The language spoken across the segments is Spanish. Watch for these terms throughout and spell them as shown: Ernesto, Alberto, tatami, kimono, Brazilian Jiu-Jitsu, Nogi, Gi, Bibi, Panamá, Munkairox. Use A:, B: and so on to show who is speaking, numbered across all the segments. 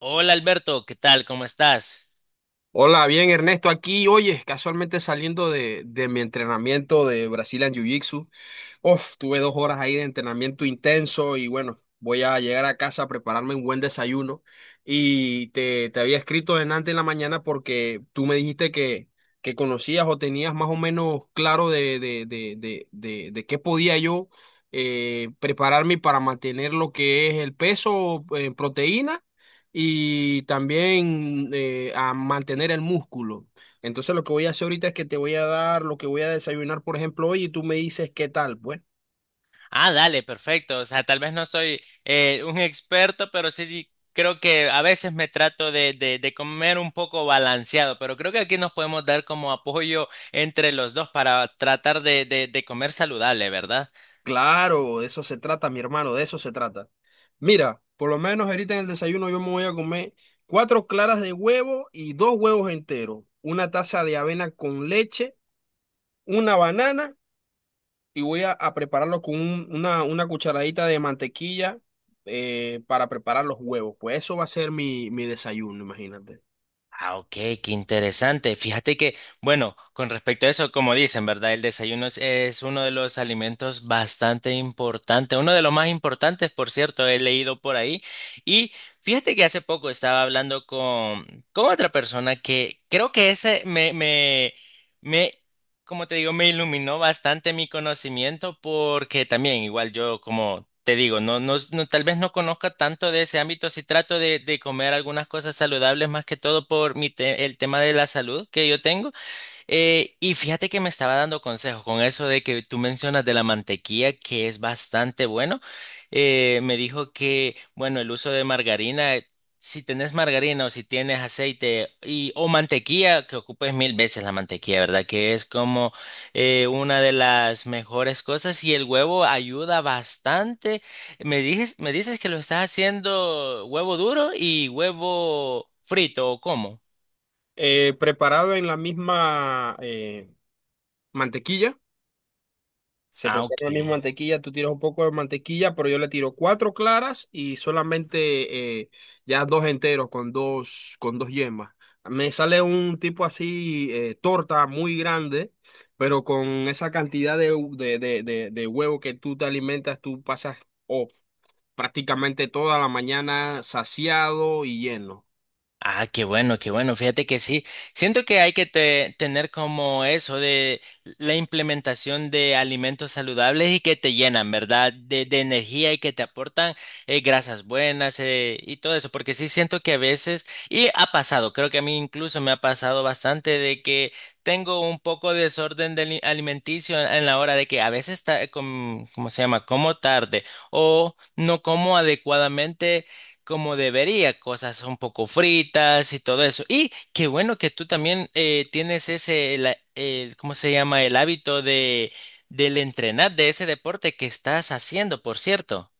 A: Hola Alberto, ¿qué tal? ¿Cómo estás?
B: Hola, bien Ernesto, aquí, oye, casualmente saliendo de mi entrenamiento de Brazilian Jiu-Jitsu. Uf, tuve dos horas ahí de entrenamiento intenso y bueno, voy a llegar a casa a prepararme un buen desayuno. Y te había escrito delante en la mañana porque tú me dijiste que conocías o tenías más o menos claro de qué podía yo prepararme para mantener lo que es el peso en proteína y también a mantener el músculo. Entonces lo que voy a hacer ahorita es que te voy a dar lo que voy a desayunar, por ejemplo, hoy y tú me dices qué tal, pues.
A: Ah, dale, perfecto. O sea, tal vez no soy un experto, pero sí creo que a veces me trato de comer un poco balanceado, pero creo que aquí nos podemos dar como apoyo entre los dos para tratar de comer saludable, ¿verdad?
B: Claro, de eso se trata, mi hermano, de eso se trata. Mira, por lo menos ahorita en el desayuno yo me voy a comer cuatro claras de huevo y dos huevos enteros, una taza de avena con leche, una banana y voy a prepararlo con una cucharadita de mantequilla para preparar los huevos. Pues eso va a ser mi desayuno, imagínate.
A: Ah, ok, qué interesante. Fíjate que, bueno, con respecto a eso, como dicen, ¿verdad? El desayuno es uno de los alimentos bastante importante, uno de los más importantes, por cierto, he leído por ahí. Y fíjate que hace poco estaba hablando con otra persona que creo que ese me como te digo, me iluminó bastante mi conocimiento porque también, igual yo, como te digo, tal vez no conozca tanto de ese ámbito, si trato de comer algunas cosas saludables más que todo por mi el tema de la salud que yo tengo. Y fíjate que me estaba dando consejo con eso de que tú mencionas de la mantequilla, que es bastante bueno. Me dijo que, bueno, el uso de margarina, si tenés margarina o si tienes aceite y, o mantequilla, que ocupes mil veces la mantequilla, ¿verdad? Que es como una de las mejores cosas y el huevo ayuda bastante. Me dices que lo estás haciendo huevo duro y huevo frito, ¿o cómo?
B: Preparado en la misma mantequilla. Se
A: Ah,
B: prepara
A: ok.
B: la misma mantequilla, tú tiras un poco de mantequilla, pero yo le tiro cuatro claras y solamente ya dos enteros con con dos yemas. Me sale un tipo así, torta muy grande, pero con esa cantidad de, hu- de huevo que tú te alimentas, tú pasas oh, prácticamente toda la mañana saciado y lleno.
A: Ah, qué bueno, qué bueno. Fíjate que sí. Siento que hay que tener como eso de la implementación de alimentos saludables y que te llenan, ¿verdad? De energía y que te aportan grasas buenas y todo eso. Porque sí siento que a veces, y ha pasado, creo que a mí incluso me ha pasado bastante de que tengo un poco de desorden de alimenticio en la hora de que a veces, ¿cómo se llama? Como tarde o no como adecuadamente como debería, cosas un poco fritas y todo eso. Y qué bueno que tú también tienes ese, ¿cómo se llama? El hábito de, del entrenar de ese deporte que estás haciendo, por cierto.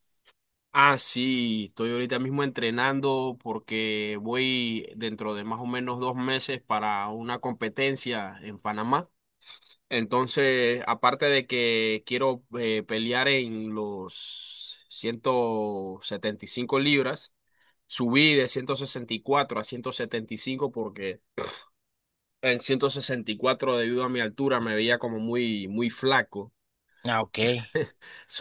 B: Ah, sí, estoy ahorita mismo entrenando porque voy dentro de más o menos dos meses para una competencia en Panamá. Entonces, aparte de que quiero pelear en los 175 libras, subí de 164 a 175 porque en 164 debido a mi altura me veía como muy flaco.
A: Ah, ok.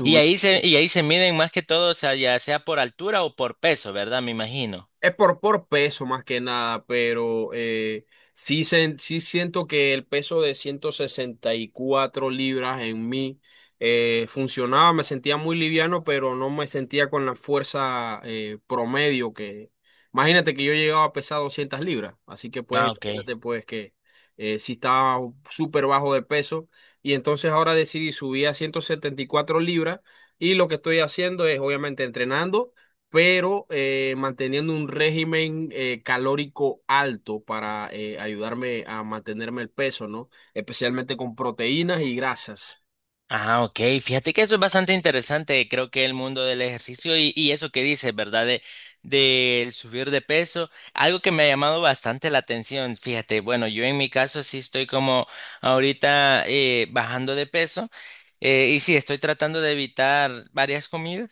B: Subí.
A: Y ahí se miden más que todo, o sea, ya sea por altura o por peso, ¿verdad? Me imagino.
B: Es por peso más que nada, pero sí, sí siento que el peso de 164 libras en mí funcionaba, me sentía muy liviano, pero no me sentía con la fuerza promedio que… Imagínate que yo llegaba a pesar 200 libras, así que pues
A: Ah, ok.
B: imagínate pues que sí estaba súper bajo de peso y entonces ahora decidí subir a 174 libras y lo que estoy haciendo es obviamente entrenando pero manteniendo un régimen calórico alto para ayudarme a mantenerme el peso, ¿no? Especialmente con proteínas y grasas.
A: Ah, ok. Fíjate que eso es bastante interesante. Creo que el mundo del ejercicio y eso que dices, ¿verdad? De, del subir de peso, algo que me ha llamado bastante la atención. Fíjate, bueno, yo en mi caso sí estoy como ahorita bajando de peso, y sí estoy tratando de evitar varias comidas.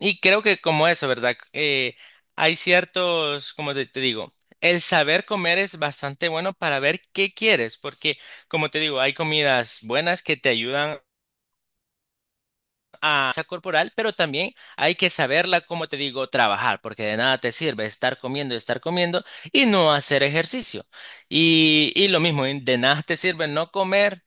A: Y creo que como eso, ¿verdad? Hay ciertos, como te digo, el saber comer es bastante bueno para ver qué quieres, porque como te digo, hay comidas buenas que te ayudan a esa corporal, pero también hay que saberla, como te digo, trabajar, porque de nada te sirve estar comiendo y no hacer ejercicio. Y lo mismo, de nada te sirve no comer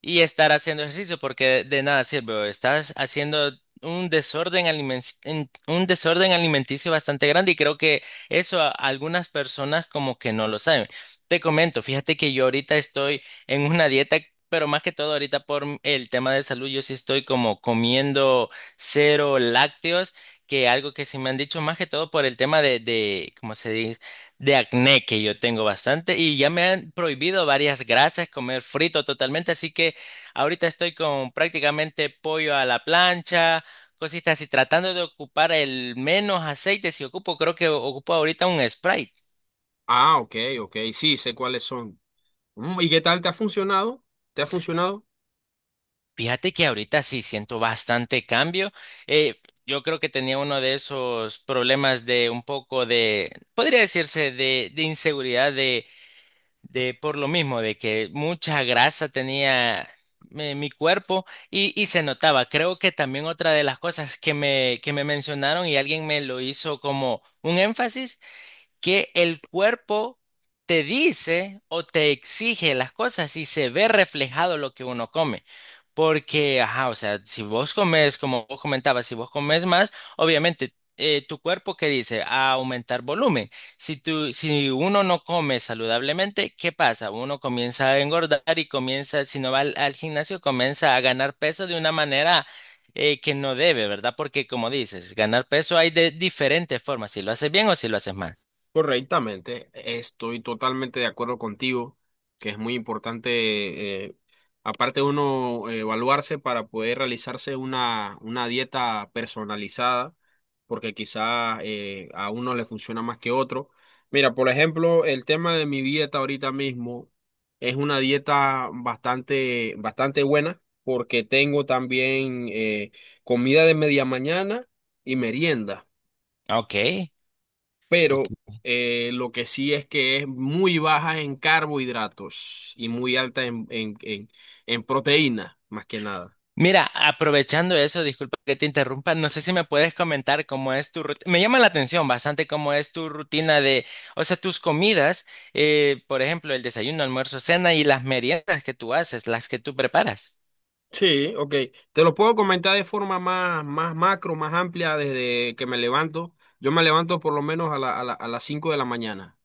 A: y estar haciendo ejercicio, porque de, nada sirve, estás haciendo un desorden un desorden alimenticio bastante grande y creo que eso a algunas personas como que no lo saben. Te comento, fíjate que yo ahorita estoy en una dieta, pero más que todo ahorita por el tema de salud, yo sí estoy como comiendo cero lácteos, que algo que sí me han dicho más que todo por el tema ¿cómo se dice? De acné que yo tengo bastante y ya me han prohibido varias grasas, comer frito totalmente, así que ahorita estoy con prácticamente pollo a la plancha, cositas así, tratando de ocupar el menos aceite. Si ocupo, creo que ocupo ahorita un Sprite.
B: Ah, ok, ok, sí, sé cuáles son. Mm, ¿y qué tal te ha funcionado? ¿Te ha funcionado?
A: Fíjate que ahorita sí siento bastante cambio. Eh, yo creo que tenía uno de esos problemas de un poco de, podría decirse, de inseguridad de por lo mismo, de que mucha grasa tenía mi, mi cuerpo y se notaba. Creo que también otra de las cosas que me mencionaron y alguien me lo hizo como un énfasis que el cuerpo te dice o te exige las cosas y se ve reflejado lo que uno come. Porque, ajá, o sea, si vos comes, como vos comentabas, si vos comes más, obviamente tu cuerpo que dice a aumentar volumen. Si tú, si uno no come saludablemente, ¿qué pasa? Uno comienza a engordar y comienza, si no va al, al gimnasio, comienza a ganar peso de una manera que no debe, ¿verdad? Porque como dices, ganar peso hay de diferentes formas, si lo haces bien o si lo haces mal.
B: Correctamente, estoy totalmente de acuerdo contigo, que es muy importante, aparte de uno evaluarse para poder realizarse una dieta personalizada, porque quizá a uno le funciona más que otro. Mira, por ejemplo, el tema de mi dieta ahorita mismo es una dieta bastante buena, porque tengo también comida de media mañana y merienda,
A: Ok,
B: pero
A: ok.
B: lo que sí es que es muy baja en carbohidratos y muy alta en proteína, más que nada.
A: Mira, aprovechando eso, disculpa que te interrumpa, no sé si me puedes comentar cómo es tu rutina. Me llama la atención bastante cómo es tu rutina de, o sea, tus comidas, por ejemplo, el desayuno, almuerzo, cena y las meriendas que tú haces, las que tú preparas.
B: Sí, ok. Te lo puedo comentar de forma más macro, más amplia desde que me levanto. Yo me levanto por lo menos a las 5 de la mañana.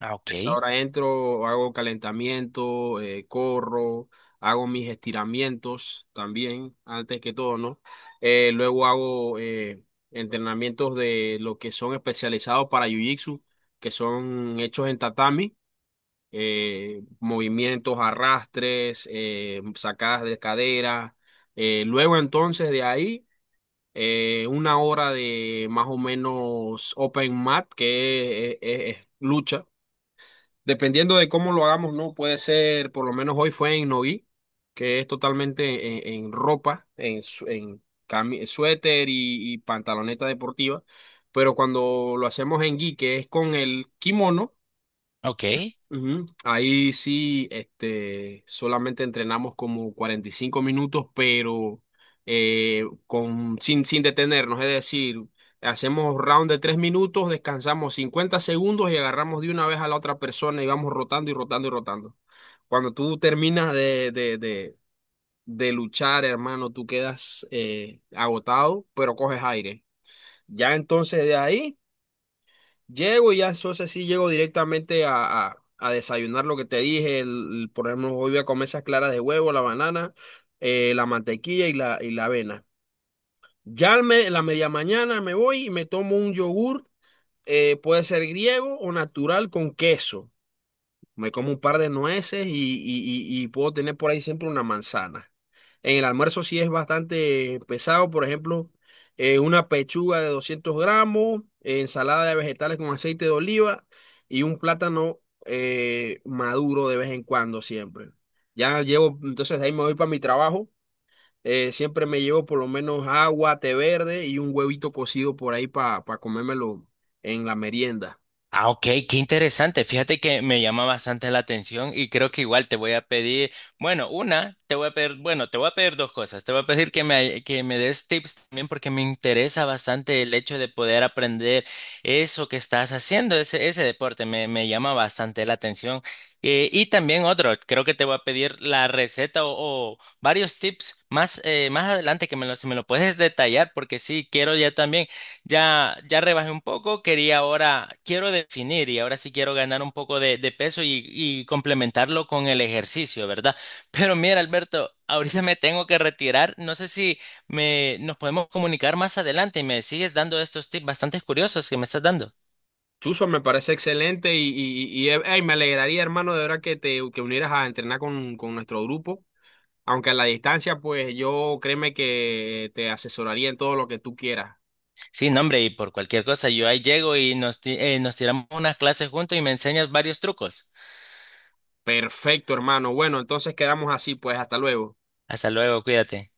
A: Ah,
B: Esa
A: ok,
B: hora entro, hago calentamiento, corro, hago mis estiramientos también, antes que todo, ¿no? Luego hago entrenamientos de lo que son especializados para Jiu-Jitsu, que son hechos en tatami, movimientos, arrastres, sacadas de cadera. Luego entonces de ahí… una hora de más o menos open mat, que es lucha, dependiendo de cómo lo hagamos, ¿no? Puede ser, por lo menos hoy fue en Nogi, que es totalmente en ropa, en suéter y pantaloneta deportiva. Pero cuando lo hacemos en Gi, que es con el kimono…
A: ok.
B: Ujú. Ahí sí, este, solamente entrenamos como 45 minutos, pero con, sin detenernos, es decir, hacemos round de 3 minutos, descansamos 50 segundos y agarramos de una vez a la otra persona y vamos rotando y rotando y rotando. Cuando tú terminas de luchar, hermano, tú quedas agotado, pero coges aire. Ya entonces de ahí… llego y ya entonces sí llego directamente a desayunar lo que te dije. El, por ejemplo, hoy voy a comer esas claras de huevo, la banana, la mantequilla y la avena. Ya en la media mañana me voy y me tomo un yogur, puede ser griego o natural con queso. Me como un par de nueces y, y puedo tener por ahí siempre una manzana. En el almuerzo sí es bastante pesado, por ejemplo, una pechuga de 200 gramos, ensalada de vegetales con aceite de oliva y un plátano maduro de vez en cuando siempre. Ya llevo, entonces de ahí me voy para mi trabajo. Eh, siempre me llevo por lo menos agua, té verde y un huevito cocido por ahí para comérmelo en la merienda.
A: Ah, ok, qué interesante. Fíjate que me llama bastante la atención y creo que igual te voy a pedir, bueno, una, te voy a pedir, bueno, te voy a pedir dos cosas. Te voy a pedir que me des tips también porque me interesa bastante el hecho de poder aprender eso que estás haciendo, ese deporte, me llama bastante la atención. Y también otro, creo que te voy a pedir la receta o varios tips más, más adelante que me lo, si me lo puedes detallar porque sí, quiero ya también. Ya, ya rebajé un poco, quería ahora, quiero definir y ahora sí quiero ganar un poco de peso y complementarlo con el ejercicio, ¿verdad? Pero mira, Alberto, ahorita me tengo que retirar. No sé si me, nos podemos comunicar más adelante y me sigues dando estos tips bastante curiosos que me estás dando.
B: Chuso, me parece excelente y, ey, me alegraría, hermano, de verdad que te que unieras a entrenar con nuestro grupo. Aunque a la distancia, pues yo créeme que te asesoraría en todo lo que tú quieras.
A: Sí, no, hombre, y por cualquier cosa, yo ahí llego y nos, nos tiramos unas clases juntos y me enseñas varios trucos.
B: Perfecto, hermano. Bueno, entonces quedamos así, pues hasta luego.
A: Hasta luego, cuídate.